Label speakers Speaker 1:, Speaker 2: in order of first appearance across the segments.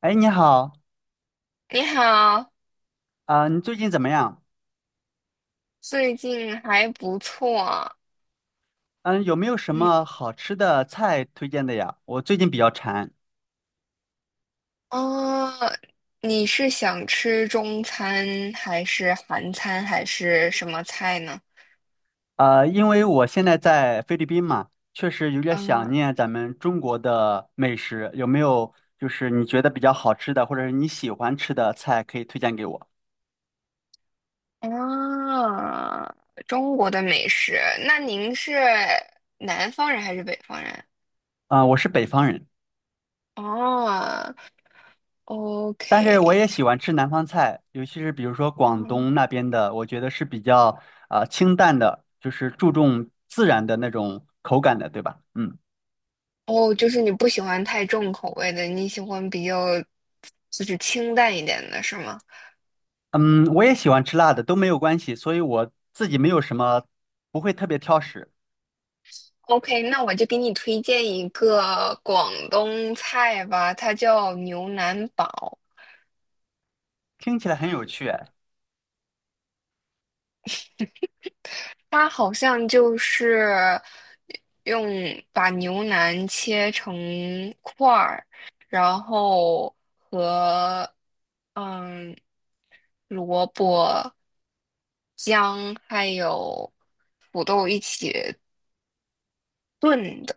Speaker 1: 哎，你好，
Speaker 2: 你好，
Speaker 1: 你最近怎么样？
Speaker 2: 最近还不错。
Speaker 1: 嗯，有没有什
Speaker 2: 嗯，
Speaker 1: 么好吃的菜推荐的呀？我最近比较馋。
Speaker 2: 哦，你是想吃中餐还是韩餐还是什么菜呢？
Speaker 1: 因为我现在在菲律宾嘛，确实有点
Speaker 2: 嗯，
Speaker 1: 想念咱们中国的美食。有没有就是你觉得比较好吃的，或者是你喜欢吃的菜可以推荐给我？
Speaker 2: 啊，中国的美食。那您是南方人还是北方人？
Speaker 1: 我是北方人，
Speaker 2: 哦
Speaker 1: 但是我
Speaker 2: ，OK，
Speaker 1: 也喜欢吃南方菜，尤其是比如说广
Speaker 2: 嗯，
Speaker 1: 东那边的，我觉得是比较清淡的，就是注重自然的那种口感的，对吧？嗯。
Speaker 2: 哦，就是你不喜欢太重口味的，你喜欢比较就是清淡一点的，是吗？
Speaker 1: 嗯，我也喜欢吃辣的，都没有关系，所以我自己没有什么，不会特别挑食。
Speaker 2: OK，那我就给你推荐一个广东菜吧，它叫牛腩煲。
Speaker 1: 听起来很有趣哎。
Speaker 2: 它好像就是用把牛腩切成块儿，然后和嗯萝卜、姜还有土豆一起炖的。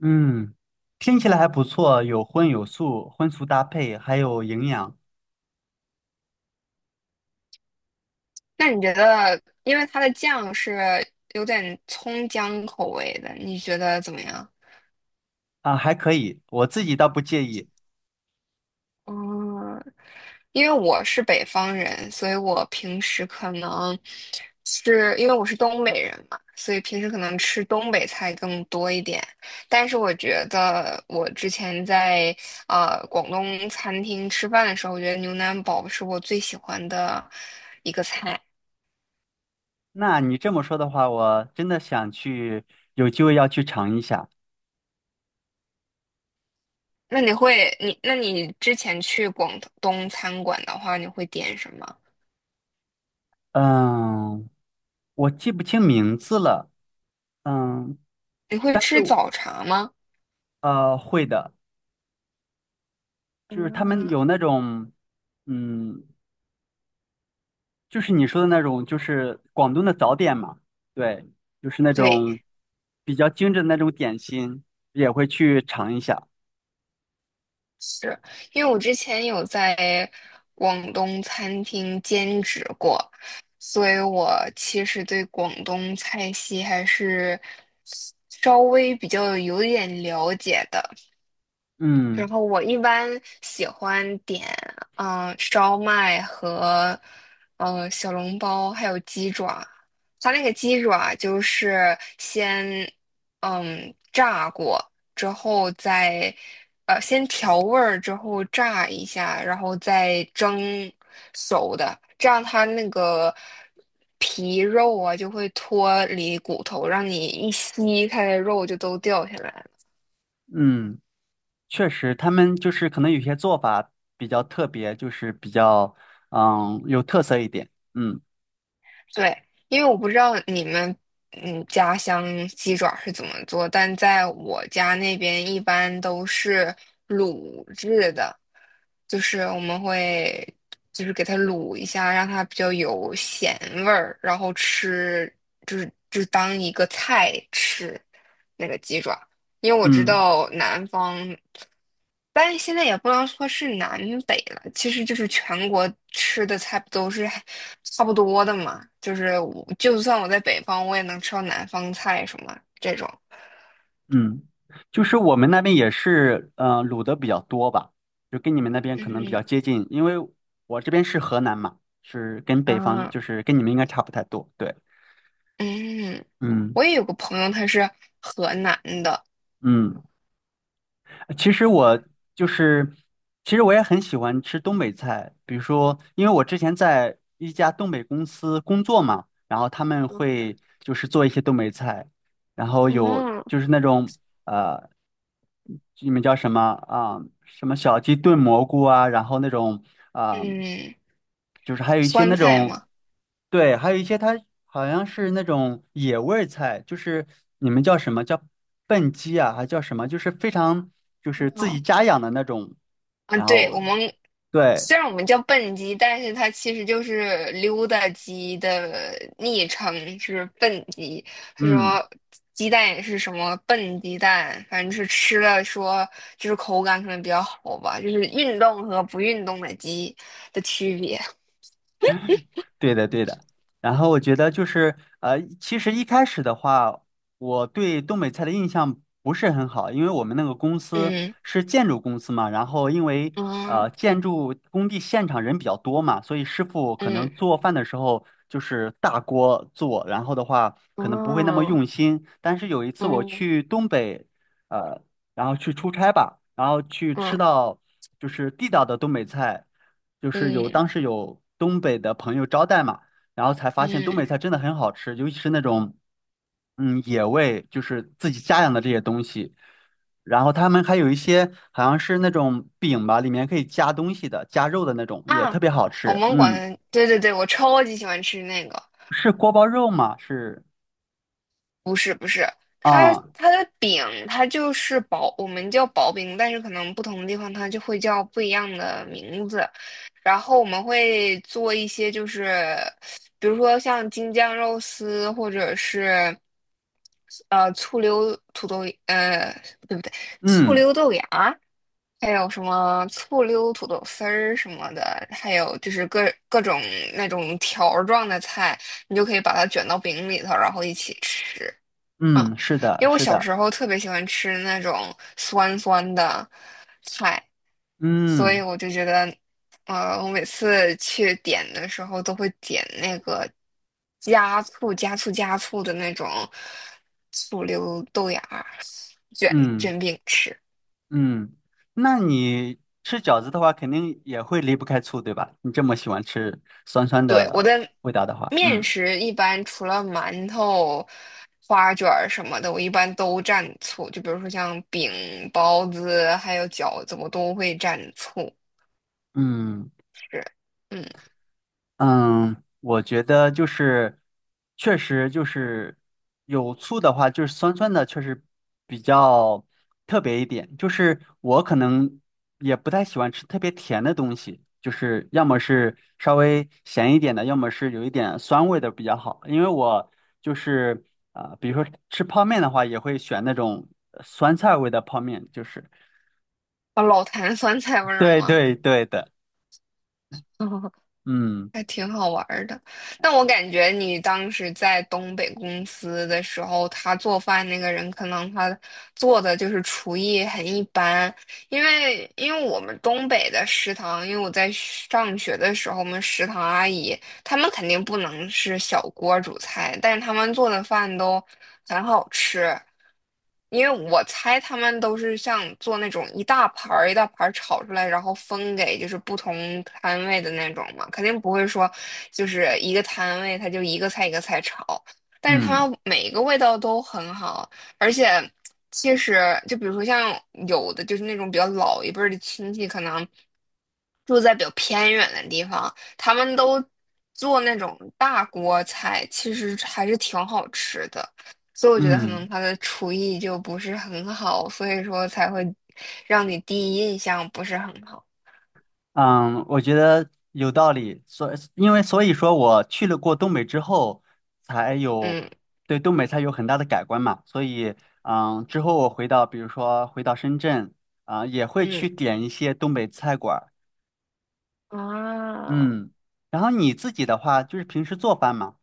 Speaker 1: 嗯，听起来还不错，有荤有素，荤素搭配，还有营养。
Speaker 2: 那你觉得，因为它的酱是有点葱姜口味的，你觉得怎么样？
Speaker 1: 啊，还可以，我自己倒不介意。
Speaker 2: 嗯，因为我是北方人，所以我平时可能是因为我是东北人嘛，所以平时可能吃东北菜更多一点。但是我觉得我之前在广东餐厅吃饭的时候，我觉得牛腩煲是我最喜欢的一个菜。
Speaker 1: 那你这么说的话，我真的想去，有机会要去尝一下。
Speaker 2: 那你会你那你之前去广东餐馆的话，你会点什么？
Speaker 1: 嗯，我记不清名字了。嗯，
Speaker 2: 你会
Speaker 1: 但是
Speaker 2: 吃
Speaker 1: 我
Speaker 2: 早茶吗？
Speaker 1: 会的，就是他们
Speaker 2: 嗯，
Speaker 1: 有那种。嗯，就是你说的那种，就是广东的早点嘛，对，就是那
Speaker 2: 对。
Speaker 1: 种比较精致的那种点心，也会去尝一下。
Speaker 2: 是因为我之前有在广东餐厅兼职过，所以我其实对广东菜系还是稍微比较有一点了解的。然
Speaker 1: 嗯。
Speaker 2: 后我一般喜欢点，烧麦和，小笼包，还有鸡爪。它那个鸡爪就是先，嗯，炸过之后再，先调味儿之后炸一下，然后再蒸熟的，这样它那个皮肉啊就会脱离骨头，让你一吸，它的肉就都掉下来了
Speaker 1: 嗯，确实，他们就是可能有些做法比较特别，就是比较嗯有特色一点。嗯。
Speaker 2: 对，因为我不知道你们家乡鸡爪是怎么做，但在我家那边一般都是卤制的，就是我们会就是给它卤一下，让它比较有咸味儿，然后吃就是就当一个菜吃那个鸡爪。因为我知
Speaker 1: 嗯。
Speaker 2: 道南方，但是现在也不能说是南北了，其实就是全国吃的菜不都是还差不多的嘛。就是我就算我在北方，我也能吃到南方菜什么这种。
Speaker 1: 嗯，就是我们那边也是嗯、卤的比较多吧，就跟你们那边可能比较
Speaker 2: 嗯
Speaker 1: 接近，因为我这边是河南嘛，是跟北方
Speaker 2: 嗯
Speaker 1: 就是跟你们应该差不太多。对。
Speaker 2: 嗯，
Speaker 1: 嗯。
Speaker 2: 我也有个朋友，他是河南的，
Speaker 1: 嗯。其实我就是，其实我也很喜欢吃东北菜，比如说，因为我之前在一家东北公司工作嘛，然后他们会就是做一些东北菜，然后有
Speaker 2: 嗯，
Speaker 1: 就是那种呃，你们叫什么什么小鸡炖蘑菇啊，然后那种啊、
Speaker 2: 嗯，
Speaker 1: 就是还有一些
Speaker 2: 酸
Speaker 1: 那
Speaker 2: 菜
Speaker 1: 种，
Speaker 2: 嘛，
Speaker 1: 对，还有一些它好像是那种野味儿菜，就是你们叫什么叫笨鸡啊，还叫什么？就是非常就是自己
Speaker 2: 哦
Speaker 1: 家养的那种，
Speaker 2: 啊，
Speaker 1: 然
Speaker 2: 对，
Speaker 1: 后
Speaker 2: 我们
Speaker 1: 对。
Speaker 2: 虽然我们叫笨鸡，但是它其实就是溜达鸡的昵称，是笨鸡。他
Speaker 1: 嗯。
Speaker 2: 说鸡蛋也是什么笨鸡蛋，反正是吃了说就是口感可能比较好吧，就是运动和不运动的鸡的区别。
Speaker 1: 对的，对的。然后我觉得就是，其实一开始的话，我对东北菜的印象不是很好，因为我们那个公司
Speaker 2: 嗯
Speaker 1: 是建筑公司嘛，然后因为
Speaker 2: 啊
Speaker 1: 建筑工地现场人比较多嘛，所以师傅可能
Speaker 2: 嗯
Speaker 1: 做饭的时候就是大锅做，然后的话可能不会那么用
Speaker 2: 啊
Speaker 1: 心。但是有一次我
Speaker 2: 嗯
Speaker 1: 去东北，呃，然后去出差吧，然后去吃
Speaker 2: 嗯
Speaker 1: 到就是地道的东北菜。就是有
Speaker 2: 嗯
Speaker 1: 当时有东北的朋友招待嘛，然后才发现东
Speaker 2: 嗯
Speaker 1: 北菜真的很好吃，尤其是那种嗯野味，就是自己家养的这些东西。然后他们还有一些好像是那种饼吧，里面可以加东西的，加肉的那种，也特
Speaker 2: 啊，
Speaker 1: 别好
Speaker 2: 我
Speaker 1: 吃。
Speaker 2: 们
Speaker 1: 嗯，
Speaker 2: 管对对对，我超级喜欢吃那个。
Speaker 1: 是锅包肉吗？是
Speaker 2: 不是不是，它
Speaker 1: 啊。
Speaker 2: 它的饼它就是薄，我们叫薄饼，但是可能不同的地方它就会叫不一样的名字。然后我们会做一些，就是比如说像京酱肉丝，或者是醋溜土豆，呃不对不对，醋
Speaker 1: 嗯。
Speaker 2: 溜豆芽儿还有什么醋溜土豆丝儿什么的，还有就是各种那种条儿状的菜，你就可以把它卷到饼里头，然后一起吃。嗯，
Speaker 1: 嗯，是的，
Speaker 2: 因为我
Speaker 1: 是
Speaker 2: 小
Speaker 1: 的。
Speaker 2: 时候特别喜欢吃那种酸酸的菜，所以
Speaker 1: 嗯。
Speaker 2: 我就觉得，我每次去点的时候都会点那个加醋、加醋、加醋的那种醋溜豆芽儿卷
Speaker 1: 嗯。
Speaker 2: 卷饼吃。
Speaker 1: 嗯，那你吃饺子的话，肯定也会离不开醋，对吧？你这么喜欢吃酸酸
Speaker 2: 对，我
Speaker 1: 的
Speaker 2: 的
Speaker 1: 味道的话，
Speaker 2: 面
Speaker 1: 嗯。
Speaker 2: 食一般除了馒头、花卷儿什么的，我一般都蘸醋。就比如说像饼、包子还有饺子，我都会蘸醋。
Speaker 1: 嗯。
Speaker 2: 是，嗯，
Speaker 1: 嗯，我觉得就是，确实就是有醋的话，就是酸酸的，确实比较特别一点。就是我可能也不太喜欢吃特别甜的东西，就是要么是稍微咸一点的，要么是有一点酸味的比较好。因为我就是比如说吃泡面的话，也会选那种酸菜味的泡面，就是
Speaker 2: 啊老坛酸菜味儿
Speaker 1: 对
Speaker 2: 吗？
Speaker 1: 对对的。嗯。
Speaker 2: 还挺好玩儿的。但我感觉你当时在东北公司的时候，他做饭那个人可能他做的就是厨艺很一般，因为我们东北的食堂，因为我在上学的时候，我们食堂阿姨他们肯定不能是小锅煮菜，但是他们做的饭都很好吃。因为我猜他们都是像做那种一大盘儿一大盘儿炒出来，然后分给就是不同摊位的那种嘛，肯定不会说就是一个摊位他就一个菜一个菜炒，但是他
Speaker 1: 嗯。
Speaker 2: 们每一个味道都很好，而且其实就比如说像有的就是那种比较老一辈儿的亲戚，可能住在比较偏远的地方，他们都做那种大锅菜，其实还是挺好吃的。所以我觉得可
Speaker 1: 嗯。
Speaker 2: 能他的厨艺就不是很好，所以说才会让你第一印象不是很好。
Speaker 1: 嗯，我觉得有道理，所因为所以说我去了过东北之后，才有
Speaker 2: 嗯
Speaker 1: 对东北菜有很大的改观嘛，所以嗯，之后我回到比如说回到深圳，啊，也会去
Speaker 2: 嗯
Speaker 1: 点一些东北菜馆儿。
Speaker 2: 啊。
Speaker 1: 嗯，然后你自己的话就是平时做饭嘛。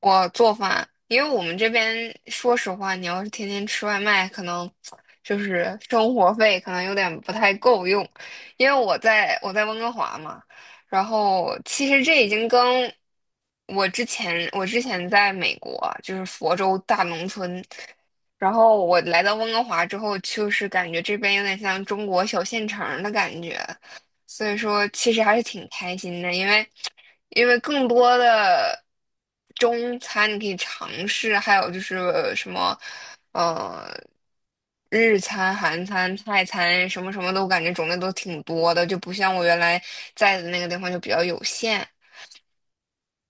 Speaker 2: 我做饭，因为我们这边说实话，你要是天天吃外卖，可能就是生活费可能有点不太够用。因为我在温哥华嘛，然后其实这已经跟我之前在美国就是佛州大农村，然后我来到温哥华之后，就是感觉这边有点像中国小县城儿的感觉。所以说其实还是挺开心的，因为更多的中餐你可以尝试，还有就是什么呃日餐、韩餐、泰餐什么什么都感觉种类都挺多的，就不像我原来在的那个地方就比较有限，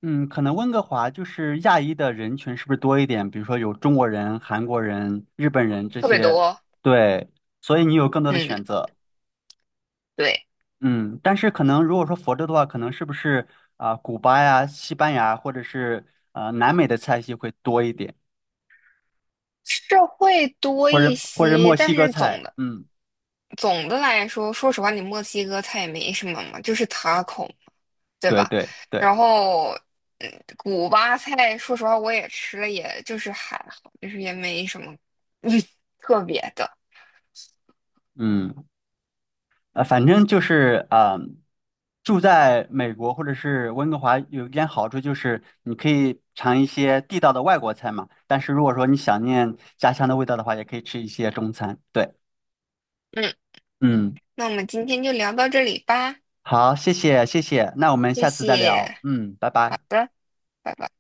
Speaker 1: 嗯，可能温哥华就是亚裔的人群是不是多一点？比如说有中国人、韩国人、日本人这
Speaker 2: 特别
Speaker 1: 些，
Speaker 2: 多。
Speaker 1: 对，所以你有更多的
Speaker 2: 嗯，
Speaker 1: 选择。
Speaker 2: 对，
Speaker 1: 嗯，但是可能如果说佛州的话，可能是不是古巴呀、西班牙或者是南美的菜系会多一点，
Speaker 2: 是会多
Speaker 1: 或
Speaker 2: 一
Speaker 1: 者或者
Speaker 2: 些，
Speaker 1: 墨
Speaker 2: 但
Speaker 1: 西哥
Speaker 2: 是总
Speaker 1: 菜，
Speaker 2: 的。
Speaker 1: 嗯，
Speaker 2: 总的来说，说实话，你墨西哥菜也没什么嘛，就是塔 a 嘛，对
Speaker 1: 对
Speaker 2: 吧？
Speaker 1: 对对。
Speaker 2: 然后，嗯，古巴菜，说实话我也吃了，也就是还好，就是也没什么特别的。
Speaker 1: 嗯，反正就是住在美国或者是温哥华有一点好处就是你可以尝一些地道的外国菜嘛，但是如果说你想念家乡的味道的话，也可以吃一些中餐，对。
Speaker 2: 嗯，
Speaker 1: 嗯，
Speaker 2: 那我们今天就聊到这里吧，
Speaker 1: 好，谢谢谢谢，那我们
Speaker 2: 谢
Speaker 1: 下次再
Speaker 2: 谢，
Speaker 1: 聊，嗯，拜
Speaker 2: 好
Speaker 1: 拜。
Speaker 2: 的，拜拜。